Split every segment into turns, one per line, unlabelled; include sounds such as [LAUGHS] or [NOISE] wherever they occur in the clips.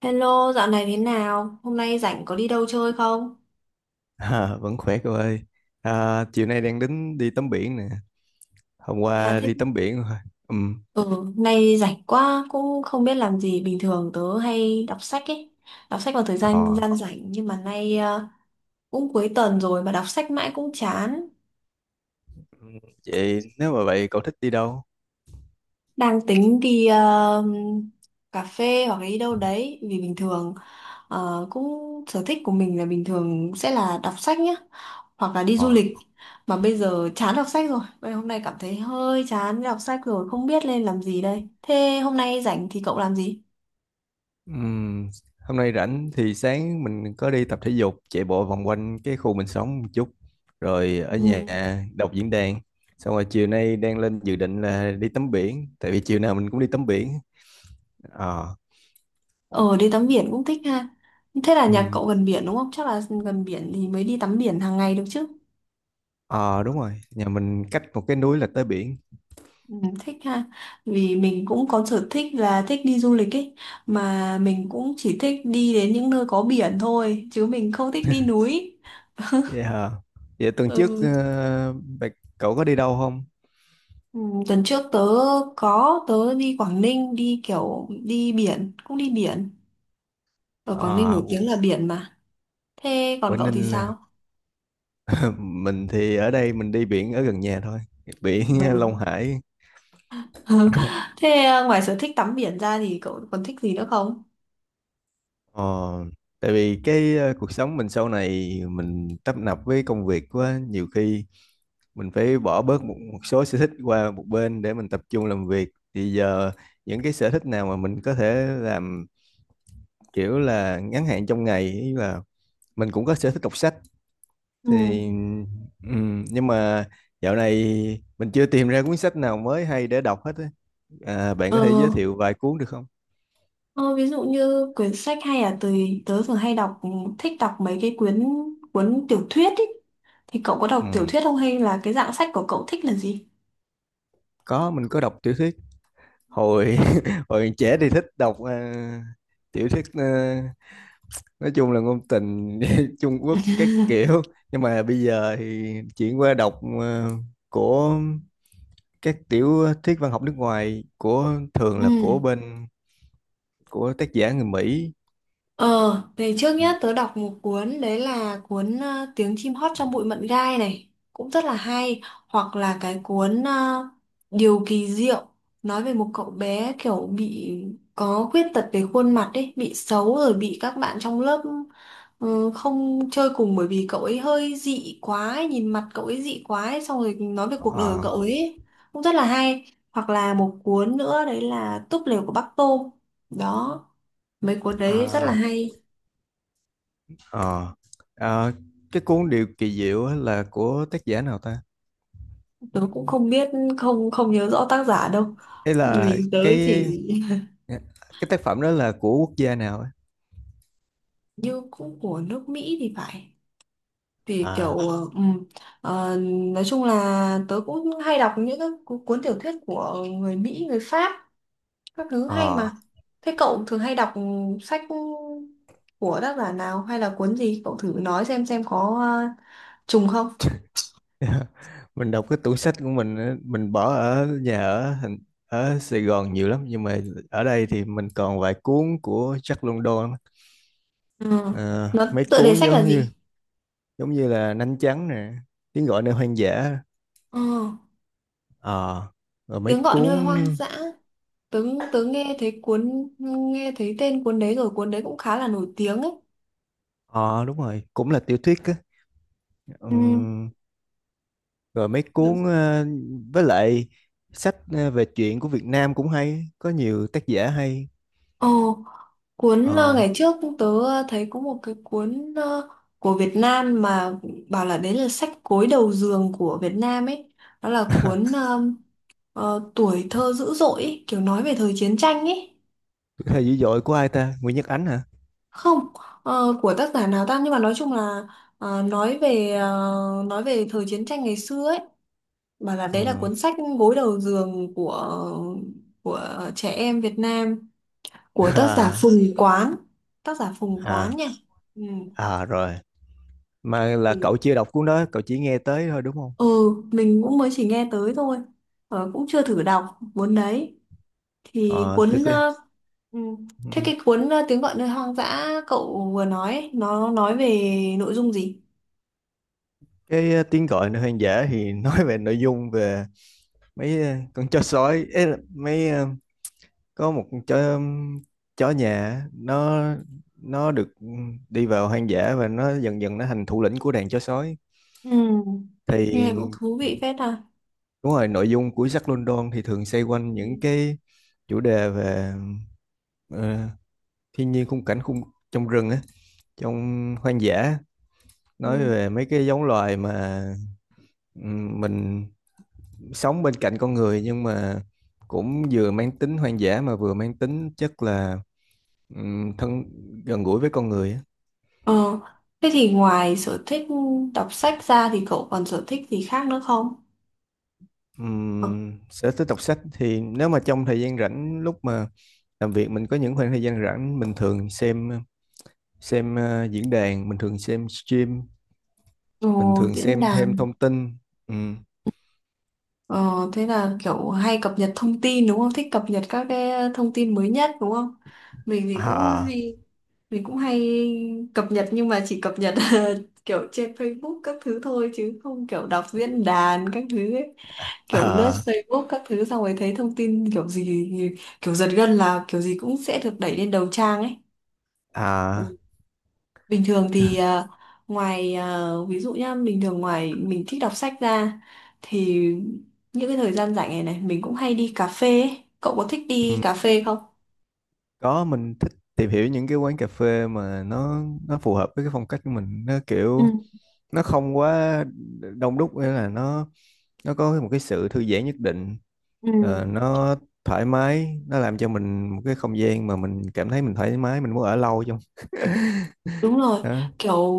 Hello, dạo này thế nào? Hôm nay rảnh có đi đâu chơi không?
À, vẫn khỏe cô ơi. À, chiều nay đang tính đi tắm biển nè. Hôm
Thế là
qua
thích.
đi tắm biển rồi. Ừm.
Ừ, hôm nay rảnh quá, cũng không biết làm gì. Bình thường tớ hay đọc sách ấy. Đọc sách vào thời gian
Ờ.
gian rảnh. Nhưng mà nay cũng cuối tuần rồi mà đọc sách mãi cũng chán.
Ừm. Vậy nếu mà vậy cậu thích đi đâu?
Đang tính đi cà phê hoặc là đi đâu đấy. Vì bình thường cũng sở thích của mình là bình thường sẽ là đọc sách nhá. Hoặc là đi du
Ờ.
lịch, mà bây giờ chán đọc sách rồi. Bây giờ hôm nay cảm thấy hơi chán đọc sách rồi, không biết nên làm gì đây. Thế hôm nay rảnh thì cậu làm gì?
Ừm. Hôm nay rảnh thì sáng mình có đi tập thể dục, chạy bộ vòng quanh cái khu mình sống một chút. Rồi ở nhà
Ừ.
đọc diễn đàn. Xong rồi chiều nay đang lên dự định là đi tắm biển, tại vì chiều nào mình cũng đi tắm biển. Ờ.
ờ đi tắm biển cũng thích ha. Thế là nhà
Ừm.
cậu gần biển đúng không? Chắc là gần biển thì mới đi tắm biển hàng ngày được chứ.
Ờ, đúng rồi. Nhà mình cách một cái núi là tới biển.
Ừ, thích ha. Vì mình cũng có sở thích là thích đi du lịch ấy, mà mình cũng chỉ thích đi đến những nơi có biển thôi, chứ mình không thích đi núi.
Vậy hả? Vậy tuần trước
Ừ.
cậu có đi đâu không?
Ừ, tuần trước tớ có đi Quảng Ninh, đi kiểu đi biển, cũng đi biển. Ở Quảng Ninh
À,
nổi tiếng
Qu-
là biển mà. Thế còn
Quảng
cậu thì
Ninh là
sao?
[LAUGHS] mình thì ở đây mình đi biển ở gần nhà thôi, biển [LAUGHS]
Ừ.
Long Hải.
[LAUGHS] Thế à, ngoài sở thích tắm biển ra thì cậu còn thích gì nữa không?
Ờ, tại vì cái cuộc sống mình sau này mình tấp nập với công việc quá, nhiều khi mình phải bỏ bớt một số sở thích qua một bên để mình tập trung làm việc. Thì giờ những cái sở thích nào mà mình có thể làm kiểu là ngắn hạn trong ngày ý là mình cũng có sở thích đọc sách thì
Ừ.
nhưng mà dạo này mình chưa tìm ra cuốn sách nào mới hay để đọc hết á. À, bạn
ờ,
có thể giới thiệu vài cuốn được không?
ờ, Ví dụ như quyển sách hay là tớ tớ thường hay đọc, thích đọc mấy cái cuốn tiểu thuyết ý. Thì cậu có đọc tiểu
Ừ,
thuyết không, hay là cái dạng sách của cậu thích là gì?
có, mình có đọc tiểu thuyết hồi [LAUGHS] hồi trẻ thì thích đọc tiểu thuyết, nói chung là ngôn tình [LAUGHS] Trung Quốc các
[LAUGHS]
kiểu, nhưng mà bây giờ thì chuyển qua đọc của các tiểu thuyết văn học nước ngoài, của thường
Ừ.
là của bên của tác giả người Mỹ.
Ờ, thì trước nhất tớ đọc một cuốn, đấy là cuốn Tiếng chim hót trong bụi mận gai này, cũng rất là hay. Hoặc là cái cuốn Điều kỳ diệu, nói về một cậu bé kiểu bị có khuyết tật về khuôn mặt ấy, bị xấu rồi bị các bạn trong lớp không chơi cùng, bởi vì cậu ấy hơi dị quá ấy, nhìn mặt cậu ấy dị quá ấy, xong rồi nói về cuộc đời của
Ờ.
cậu ấy, cũng rất là hay. Hoặc là một cuốn nữa, đấy là Túp lều của Bác Tôm. Đó, mấy cuốn đấy rất là
À.
hay.
Ờ. À, cái cuốn Điều kỳ diệu á là của tác giả nào ta?
Tớ cũng không biết, không, không nhớ rõ tác giả đâu,
Hay là
vì tớ chỉ,
cái tác phẩm đó là của quốc gia nào á?
như cũng của nước Mỹ thì phải. Thì
À.
kiểu ờ, nói chung là tớ cũng hay đọc những các cuốn tiểu thuyết của người Mỹ, người Pháp, các thứ hay
Ờ.
mà. Thế cậu thường hay đọc sách của tác giả nào, hay là cuốn gì, cậu thử nói xem có ờ, trùng không?
[LAUGHS] Mình đọc cái tủ sách của mình á, mình bỏ ở nhà ở thành ở Sài Gòn nhiều lắm, nhưng mà ở đây thì mình còn vài cuốn của Jack London á.
Ừ.
Ờ,
Nó
mấy
tựa đề
cuốn
sách
giống
là
như
gì?
giống như là Nanh Trắng nè, Tiếng gọi nơi hoang dã.
Ừ.
Ờ, rồi mấy
Tiếng gọi nơi
cuốn.
hoang dã. Tớ tớ nghe thấy tên cuốn đấy rồi, cuốn đấy cũng khá là nổi tiếng ấy.
Ờ, đúng rồi, cũng là tiểu thuyết á. Ừ.
Ừ.
Rồi mấy
Dạ.
cuốn với lại sách, về truyện của Việt Nam cũng hay, có nhiều tác giả hay.
Ồ, cuốn
Ờ,
ngày trước tớ thấy có một cái cuốn của Việt Nam mà, bảo là đấy là sách gối đầu giường của Việt Nam ấy. Đó là cuốn Tuổi thơ dữ dội ấy, kiểu nói về thời chiến tranh ấy.
thời dữ dội của ai ta, Nguyễn Nhật Ánh hả?
Không, của tác giả nào ta, nhưng mà nói chung là ờ, nói về ờ, nói về thời chiến tranh ngày xưa ấy. Bảo là đấy là
Ừ.
cuốn sách gối đầu giường của trẻ em Việt Nam,
[LAUGHS]
của tác giả
À.
Phùng Quán. Tác giả Phùng Quán
À.
nha. Ừ.
À, rồi. Mà là
Ừ.
cậu chưa đọc cuốn đó, cậu chỉ nghe tới thôi đúng không?
Ừ, mình cũng mới chỉ nghe tới thôi, cũng chưa thử đọc cuốn đấy. Thì
Ờ,
cuốn
tức là,
ừ. Thế
ừ.
cái cuốn Tiếng gọi nơi hoang dã cậu vừa nói ấy, nó nói về nội dung gì?
Cái tiếng gọi nơi hoang dã thì [LAUGHS] nói về nội dung về mấy con chó sói ấy, là mấy có một chó chó nhà nó được đi vào hoang dã và nó dần dần nó thành thủ lĩnh của đàn chó sói.
Ừ. Nghe cũng
Thì
thú vị phết à.
đúng rồi, nội dung của Jack London thì thường xoay quanh những
Ừ.
cái chủ đề về ờ, thiên nhiên, khung cảnh trong rừng á, trong hoang dã,
Ừ.
nói về mấy cái giống loài mà mình sống bên cạnh con người, nhưng mà cũng vừa mang tính hoang dã mà vừa mang tính chất là thân, gần gũi với con người á.
Ờ, thế thì ngoài sở thích đọc sách ra thì cậu còn sở thích gì khác nữa không? Ờ,
Sở thích đọc sách thì nếu mà trong thời gian rảnh lúc mà làm việc mình có những khoảng thời gian rảnh, mình thường xem, diễn đàn, mình thường xem stream,
ờ,
mình thường
Diễn
xem thêm
đàn.
thông tin. Ừm.
Ờ, thế là kiểu hay cập nhật thông tin đúng không? Thích cập nhật các cái thông tin mới nhất đúng không? Mình thì cũng
À.
hay mình cũng hay cập nhật, nhưng mà chỉ cập nhật [LAUGHS] kiểu trên Facebook các thứ thôi, chứ không kiểu đọc diễn đàn các thứ ấy. Kiểu lướt
À.
Facebook các thứ, xong rồi thấy thông tin kiểu gì, kiểu giật gân là kiểu gì cũng sẽ được đẩy lên đầu trang ấy.
À.
Ừ. Bình thường thì ngoài ví dụ nhá, bình thường ngoài mình thích đọc sách ra, thì những cái thời gian rảnh này này mình cũng hay đi cà phê ấy. Cậu có thích đi
Ừm.
cà phê không?
Có, mình thích tìm hiểu những cái quán cà phê mà nó, phù hợp với cái phong cách của mình, nó
Ừ,
kiểu nó không quá đông đúc, nghĩa là nó, có một cái sự thư giãn nhất định,
ừ.
nó thoải mái, nó làm cho mình một cái không gian mà mình cảm thấy mình thoải mái, mình muốn ở lâu trong [LAUGHS]
Đúng rồi,
đó.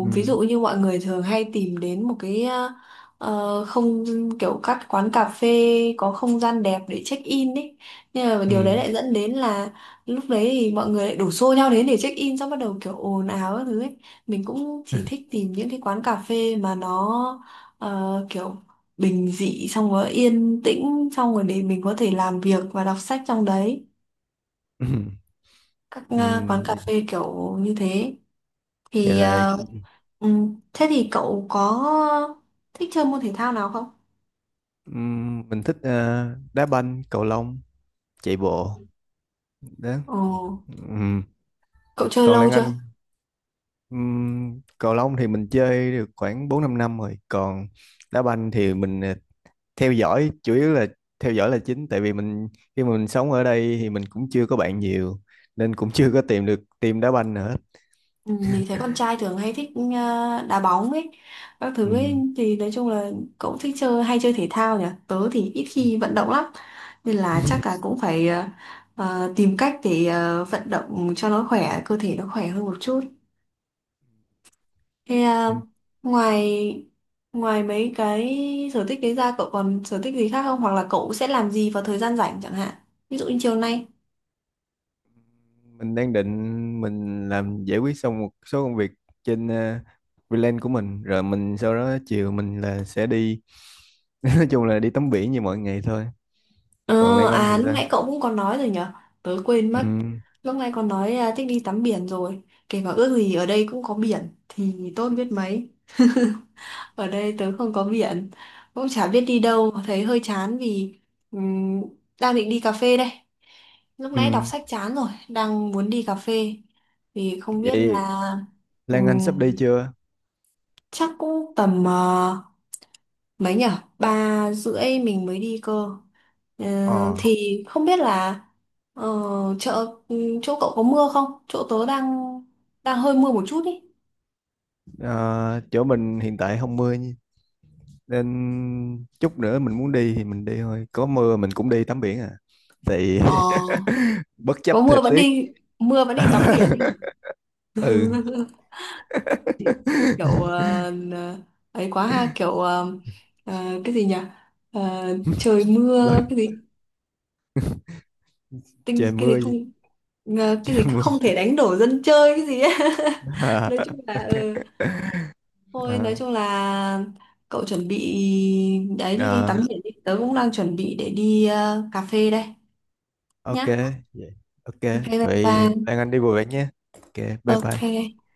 Ừ.
ví dụ như mọi người thường hay tìm đến một cái không, kiểu các quán cà phê có không gian đẹp để check in ấy. Nhưng mà
Ừ.
điều đấy lại dẫn đến là lúc đấy thì mọi người lại đổ xô nhau đến để check in, xong bắt đầu kiểu ồn ào các thứ ấy. Mình cũng chỉ thích tìm những cái quán cà phê mà nó kiểu bình dị, xong rồi yên tĩnh, xong rồi để mình có thể làm việc và đọc sách trong đấy.
Ừ.
Các
Ừ.
quán cà phê kiểu như thế
Vậy
thì
là
thế thì cậu có thích chơi môn thể thao nào không?
ừ, mình thích đá banh, cầu lông, chạy bộ, đó.
Ồ,
Ừ.
cậu chơi
Còn
lâu
Lan Anh?
chưa?
Ừ, cầu lông thì mình chơi được khoảng 4 5 năm rồi, còn đá banh thì mình theo dõi chủ yếu, là theo dõi là chính, tại vì mình khi mà mình sống ở đây thì mình cũng chưa có bạn nhiều, nên cũng chưa có tìm được team đá banh nữa.
Ừ, mình thấy con trai thường hay thích đá bóng ấy, các thứ ấy.
Ừ.
Thì nói chung là cậu thích chơi, hay chơi thể thao nhỉ? Tớ thì ít
Ừ.
khi vận động lắm, nên là chắc
[LAUGHS]
là cũng phải tìm cách để vận động cho nó khỏe, cơ thể nó khỏe hơn một chút. Thế à, ngoài ngoài mấy cái sở thích đấy ra cậu còn sở thích gì khác không? Hoặc là cậu sẽ làm gì vào thời gian rảnh chẳng hạn? Ví dụ như chiều nay.
Mình đang định mình làm giải quyết xong một số công việc trên freelance của mình, rồi mình sau đó chiều mình là sẽ đi [LAUGHS] nói chung là đi tắm biển như mọi ngày thôi. Còn
Ờ,
Lan Anh thì
à lúc
sao?
nãy cậu cũng còn nói rồi nhở? Tớ quên mất.
Ừ.
Lúc nãy còn nói à, thích đi tắm biển rồi. Kể cả ước gì ở đây cũng có biển thì tốt biết mấy. [LAUGHS] Ở đây tớ không có biển, cũng chả biết đi đâu, thấy hơi chán vì ừm, đang định đi cà phê đây. Lúc
Ừ.
nãy đọc sách chán rồi, đang muốn đi cà phê. Thì không biết
Vậy
là
Lan Anh
ừm,
sắp đi chưa?
chắc cũng tầm mấy nhở? 3 rưỡi mình mới đi cơ. Ờ,
Ờ.
thì không biết là ờ, chợ chỗ cậu có mưa không? Chỗ tớ đang đang hơi mưa một chút ý.
Ờ, chỗ mình hiện tại không mưa, nên chút nữa mình muốn đi thì mình đi thôi, có mưa mình cũng đi tắm biển à, thì
Ờ,
[LAUGHS] bất chấp
có
thời tiết.
mưa vẫn đi tắm biển ý hả?
[LAUGHS] Ừ.
[LAUGHS] Kiểu
[LAUGHS]
ấy quá ha, kiểu cái gì nhỉ? Ờ, trời
Rồi,
mưa cái gì, tinh
trời
cái gì
mưa gì,
không, cái
trời
gì
mưa.
không thể đánh đổ dân chơi cái gì ấy. [LAUGHS]
[LAUGHS] À,
Nói chung là ừ.
ok.
Thôi nói
À,
chung là cậu chuẩn bị đấy, đi, đi tắm
à,
biển đi. Tớ cũng đang chuẩn bị để đi cà phê đây
ok
nhá.
vậy, ok.
Ok, bye
Vậy
bye.
Lan Anh đi vui vẻ nhé, ok. Bye bye.
Ok.